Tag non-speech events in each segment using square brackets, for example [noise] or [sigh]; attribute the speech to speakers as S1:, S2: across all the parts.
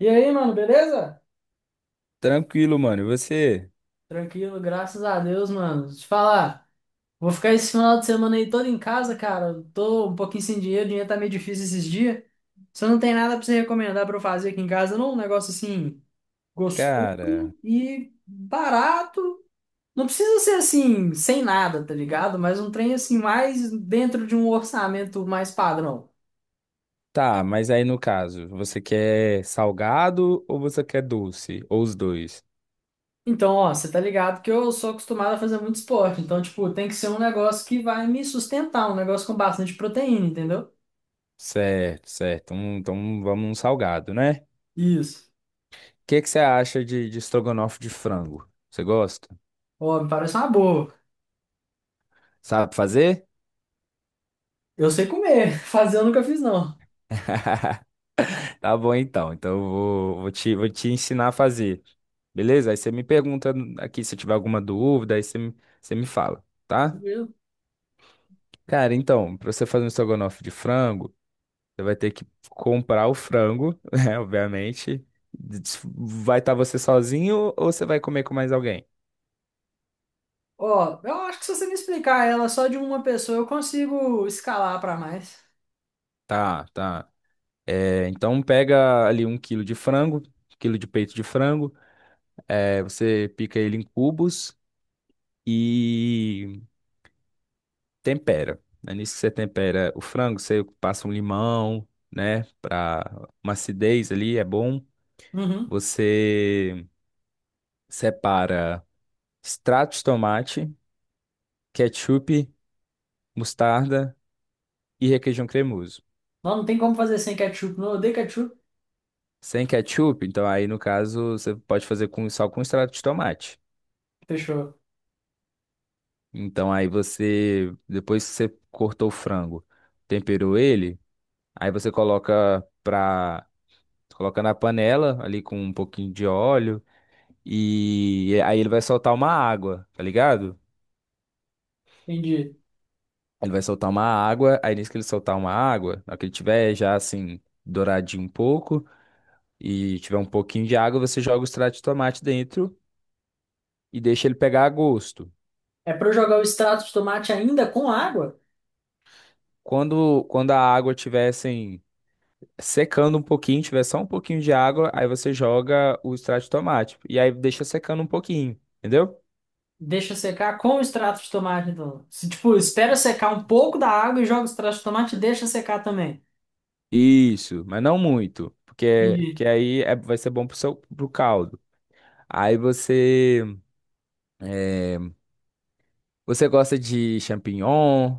S1: E aí, mano, beleza?
S2: Tranquilo, mano. E você?
S1: Tranquilo, graças a Deus, mano. Deixa eu te falar, vou ficar esse final de semana aí todo em casa, cara. Eu tô um pouquinho sem dinheiro, o dinheiro tá meio difícil esses dias. Você não tem nada pra você recomendar pra eu fazer aqui em casa, não? Um negócio assim, gostoso
S2: Cara,
S1: e barato. Não precisa ser assim, sem nada, tá ligado? Mas um trem assim, mais dentro de um orçamento mais padrão.
S2: tá, mas aí no caso, você quer salgado ou você quer doce? Ou os dois?
S1: Então, ó, você tá ligado que eu sou acostumado a fazer muito esporte. Então, tipo, tem que ser um negócio que vai me sustentar, um negócio com bastante proteína, entendeu?
S2: Certo, certo. Então vamos num salgado, né? O
S1: Isso.
S2: que que você acha de estrogonofe de frango? Você gosta?
S1: Ó, me parece uma boa.
S2: Sabe fazer?
S1: Eu sei comer. [laughs] Fazer eu nunca fiz, não.
S2: [laughs] Tá bom então. Então eu vou, vou te ensinar a fazer. Beleza? Aí você me pergunta aqui se tiver alguma dúvida, aí você me fala, tá?
S1: Tranquilo.
S2: Cara, então, pra você fazer um estrogonofe de frango. Você vai ter que comprar o frango, [laughs] né? Obviamente. Vai estar você sozinho ou você vai comer com mais alguém?
S1: Ó, eu acho que se você me explicar ela só de uma pessoa, eu consigo escalar pra mais.
S2: Tá, tá. É, então pega ali 1 quilo de frango, quilo de peito de frango. É, você pica ele em cubos e tempera. Né? Nisso que você tempera o frango, você passa um limão, né? Pra uma acidez ali, é bom.
S1: Uhum.
S2: Você separa extrato de tomate, ketchup, mostarda e requeijão cremoso.
S1: Não, não tem como fazer sem ketchup. Não, eu odeio ketchup.
S2: Sem ketchup, então aí no caso você pode fazer com só com extrato de tomate.
S1: Fechou.
S2: Então aí você, depois que você cortou o frango, temperou ele, aí você coloca na panela ali com um pouquinho de óleo e aí ele vai soltar uma água, tá ligado?
S1: Entendi.
S2: Ele vai soltar uma água, aí nisso que ele soltar uma água, na hora que ele tiver já assim douradinho um pouco e tiver um pouquinho de água, você joga o extrato de tomate dentro e deixa ele pegar a gosto.
S1: É pra eu jogar o extrato de tomate ainda com água?
S2: Quando a água estiver assim, secando um pouquinho, tiver só um pouquinho de água, aí você joga o extrato de tomate. E aí deixa secando um pouquinho, entendeu?
S1: Deixa secar com o extrato de tomate, então. Se, tipo, espera secar um pouco da água e joga o extrato de tomate e deixa secar também.
S2: Isso, mas não muito. Porque
S1: Entendi.
S2: que aí vai ser bom pro caldo. Aí é, você gosta de champignon,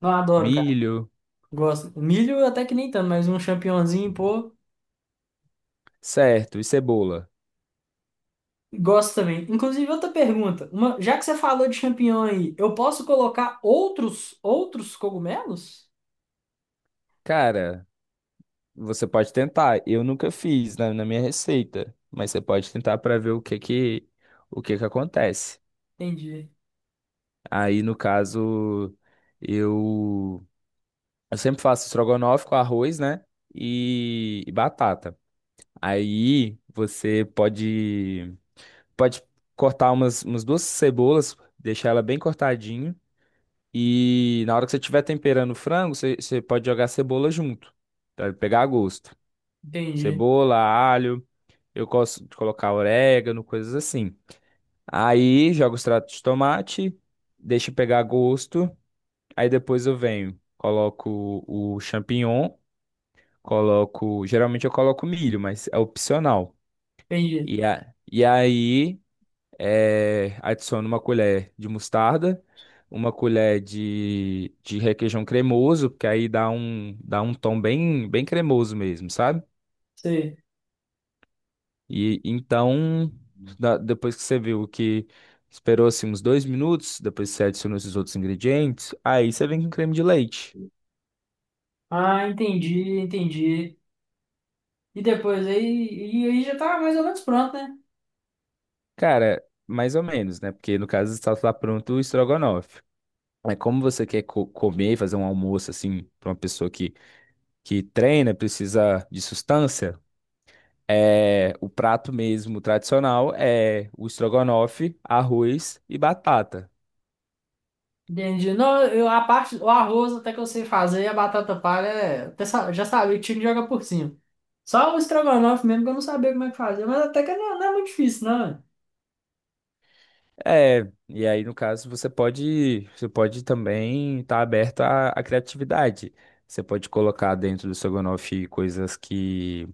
S1: Não, adoro, cara.
S2: milho,
S1: Gosto. Milho até que nem tanto, mas um champignonzinho, pô.
S2: certo, e cebola.
S1: Gosto também. Inclusive, outra pergunta. Uma, já que você falou de champignon aí, eu posso colocar outros cogumelos?
S2: Cara, você pode tentar. Eu nunca fiz na minha receita, mas você pode tentar para ver o que que acontece.
S1: Entendi,
S2: Aí, no caso, eu, eu sempre faço estrogonofe com arroz, né? E batata. Aí você pode cortar umas duas cebolas, deixar ela bem cortadinho. E na hora que você estiver temperando o frango, você pode jogar cebola junto, para pegar a gosto.
S1: entendi,
S2: Cebola, alho, eu gosto de colocar orégano, coisas assim. Aí joga o extrato de tomate, deixa pegar gosto. Aí depois eu venho, coloco o champignon, coloco. Geralmente eu coloco milho, mas é opcional.
S1: entendi.
S2: E aí, adiciono uma colher de mostarda, uma colher de requeijão cremoso, porque aí dá um tom bem cremoso mesmo, sabe?
S1: Sei.
S2: E então, depois que você viu que esperou assim uns 2 minutos, depois você adiciona esses outros ingredientes, aí você vem com creme de leite.
S1: Ah, entendi, entendi. E depois aí, e aí já tá mais ou menos pronto, né?
S2: Cara, mais ou menos, né? Porque no caso está lá pronto o estrogonofe. Mas como você quer comer, fazer um almoço assim, para uma pessoa que treina, precisa de sustância, o prato mesmo tradicional é o estrogonofe, arroz e batata.
S1: Entendi. Não, eu, a parte, o arroz até que eu sei fazer, e a batata palha, é, já sabia que tinha que jogar por cima. Só o estrogonofe mesmo que eu não sabia como é que fazia, mas até que não, não é muito difícil, não, né?
S2: É, e aí no caso você pode também estar aberto à criatividade. Você pode colocar dentro do estrogonofe coisas que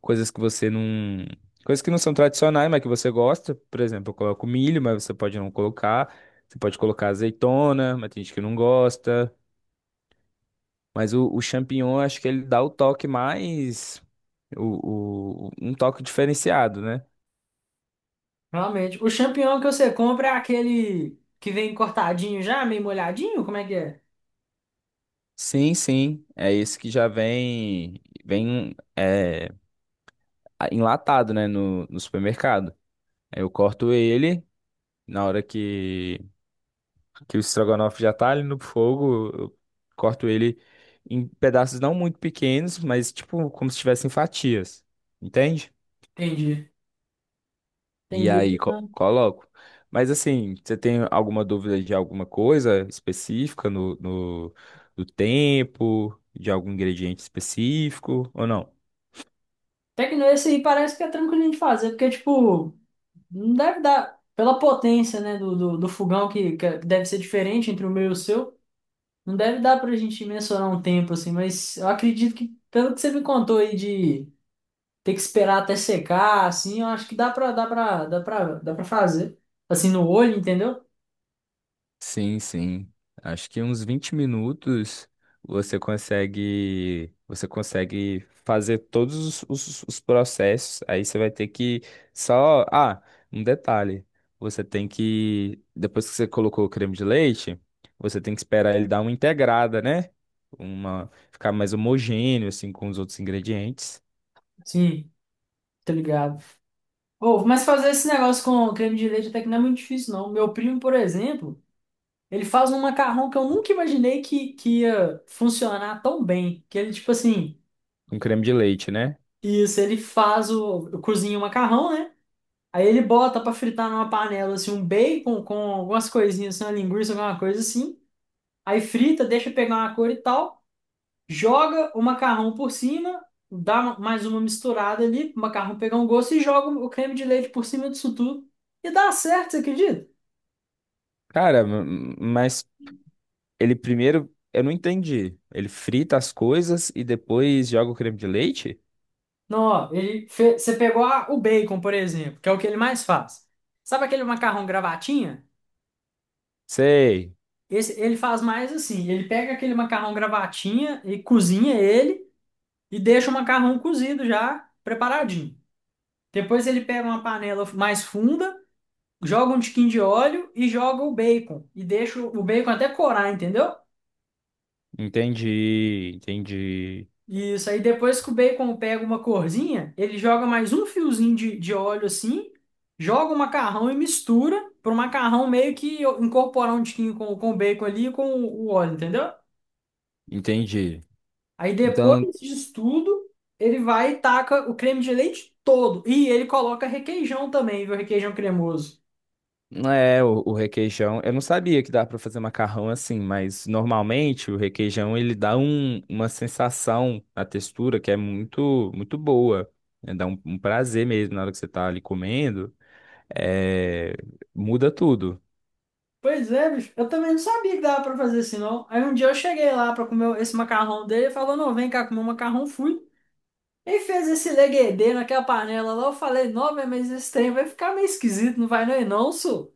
S2: coisas que você não. Coisas que não são tradicionais, mas que você gosta. Por exemplo, eu coloco milho, mas você pode não colocar. Você pode colocar azeitona, mas tem gente que não gosta. Mas o champignon, acho que ele dá o toque mais. Um toque diferenciado, né?
S1: Realmente. O champignon que você compra é aquele que vem cortadinho já, meio molhadinho? Como é que é?
S2: Sim, sim. É esse que já vem. Vem enlatado, né? No supermercado. Aí eu corto ele na hora que o estrogonofe já tá ali no fogo, eu corto ele em pedaços não muito pequenos, mas tipo como se tivessem fatias, entende?
S1: Entendi.
S2: E
S1: Entendi.
S2: aí coloco. Mas assim, você tem alguma dúvida de alguma coisa específica no, no, do tempo, de algum ingrediente específico ou não?
S1: Até que não, esse aí parece que é tranquilinho de fazer, porque, tipo, não deve dar. Pela potência, né, do fogão, que é, deve ser diferente entre o meu e o seu, não deve dar pra gente mensurar um tempo, assim, mas eu acredito que, pelo que você me contou aí de ter que esperar até secar, assim, eu acho que dá pra fazer. Assim, no olho, entendeu?
S2: Sim, sim. Acho que uns 20 minutos você consegue fazer todos os processos. Aí você vai ter que só. Ah, um detalhe. Você tem que. Depois que você colocou o creme de leite, você tem que esperar ele dar uma integrada, né? Ficar mais homogêneo, assim, com os outros ingredientes.
S1: Sim, tá ligado. Pô, mas fazer esse negócio com creme de leite até que não é muito difícil, não. Meu primo, por exemplo, ele faz um macarrão que eu nunca imaginei que ia funcionar tão bem. Que ele, tipo assim,
S2: Um creme de leite, né?
S1: isso, ele faz o, cozinha o macarrão, né? Aí ele bota pra fritar numa panela, assim, um bacon com algumas coisinhas, assim, uma linguiça, alguma coisa assim. Aí frita, deixa pegar uma cor e tal, joga o macarrão por cima, dá mais uma misturada ali, o macarrão pegar um gosto e joga o creme de leite por cima disso tudo. E dá certo, você acredita?
S2: Cara, ele primeiro, eu não entendi. Ele frita as coisas e depois joga o creme de leite?
S1: Não, ó, você pegou o bacon, por exemplo, que é o que ele mais faz. Sabe aquele macarrão gravatinha?
S2: Sei.
S1: Esse, ele faz mais assim, ele pega aquele macarrão gravatinha e cozinha ele e deixa o macarrão cozido já preparadinho. Depois ele pega uma panela mais funda, joga um tiquinho de óleo e joga o bacon e deixa o bacon até corar, entendeu?
S2: Entendi, entendi,
S1: Isso, aí depois que o bacon pega uma corzinha, ele joga mais um fiozinho de óleo assim, joga o macarrão e mistura para o macarrão meio que incorporar um tiquinho com o bacon ali e com o óleo, entendeu?
S2: entendi.
S1: Aí depois
S2: Então,
S1: disso tudo, ele vai e taca o creme de leite todo. E ele coloca requeijão também, viu? Requeijão cremoso.
S2: é o requeijão. Eu não sabia que dá pra fazer macarrão assim, mas normalmente o requeijão ele dá uma sensação na textura que é muito, muito boa. Né? Dá um prazer mesmo na hora que você tá ali comendo. É, muda tudo.
S1: Pois é, bicho, eu também não sabia que dava para fazer assim, não. Aí um dia eu cheguei lá para comer esse macarrão dele e falou: não, vem cá comer o macarrão, fui. Quem fez esse leguedê naquela panela lá? Eu falei, não, meu, mas esse trem vai ficar meio esquisito, não vai não, e não, senhor.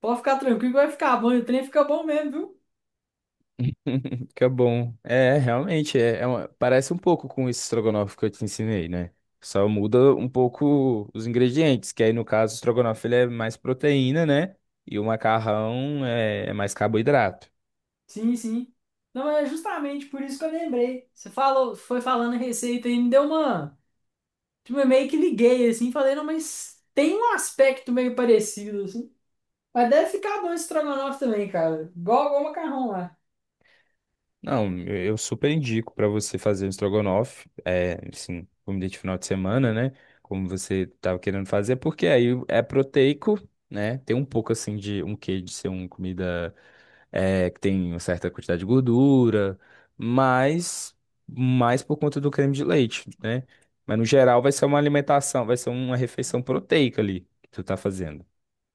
S1: Pode ficar tranquilo que vai ficar bom, e o trem fica bom mesmo, viu?
S2: Que é bom. Realmente, parece um pouco com esse estrogonofe que eu te ensinei, né? Só muda um pouco os ingredientes, que aí no caso o estrogonofe ele é mais proteína, né? E o macarrão é mais carboidrato.
S1: Sim, sim. Não, é justamente por isso que eu lembrei. Você falou, foi falando a receita e me deu uma. Tipo, eu meio que liguei assim, falei, não, mas tem um aspecto meio parecido, assim. Mas deve ficar bom esse estrogonofe também, cara. Igual, igual o macarrão lá.
S2: Não, eu super indico para você fazer um estrogonofe, assim, comida de final de semana, né? Como você estava querendo fazer, porque aí é proteico, né? Tem um pouco assim de um quê de ser uma comida que tem uma certa quantidade de gordura, mas mais por conta do creme de leite, né? Mas no geral vai ser uma alimentação, vai ser uma refeição proteica ali que tu tá fazendo.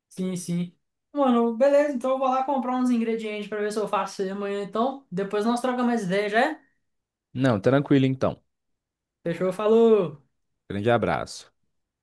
S1: Sim, sim. Mano, beleza, então eu vou lá comprar uns ingredientes pra ver se eu faço isso aí amanhã, então. Depois nós trocamos mais ideia, já é?
S2: Não, tranquilo então.
S1: Fechou, falou!
S2: Grande abraço.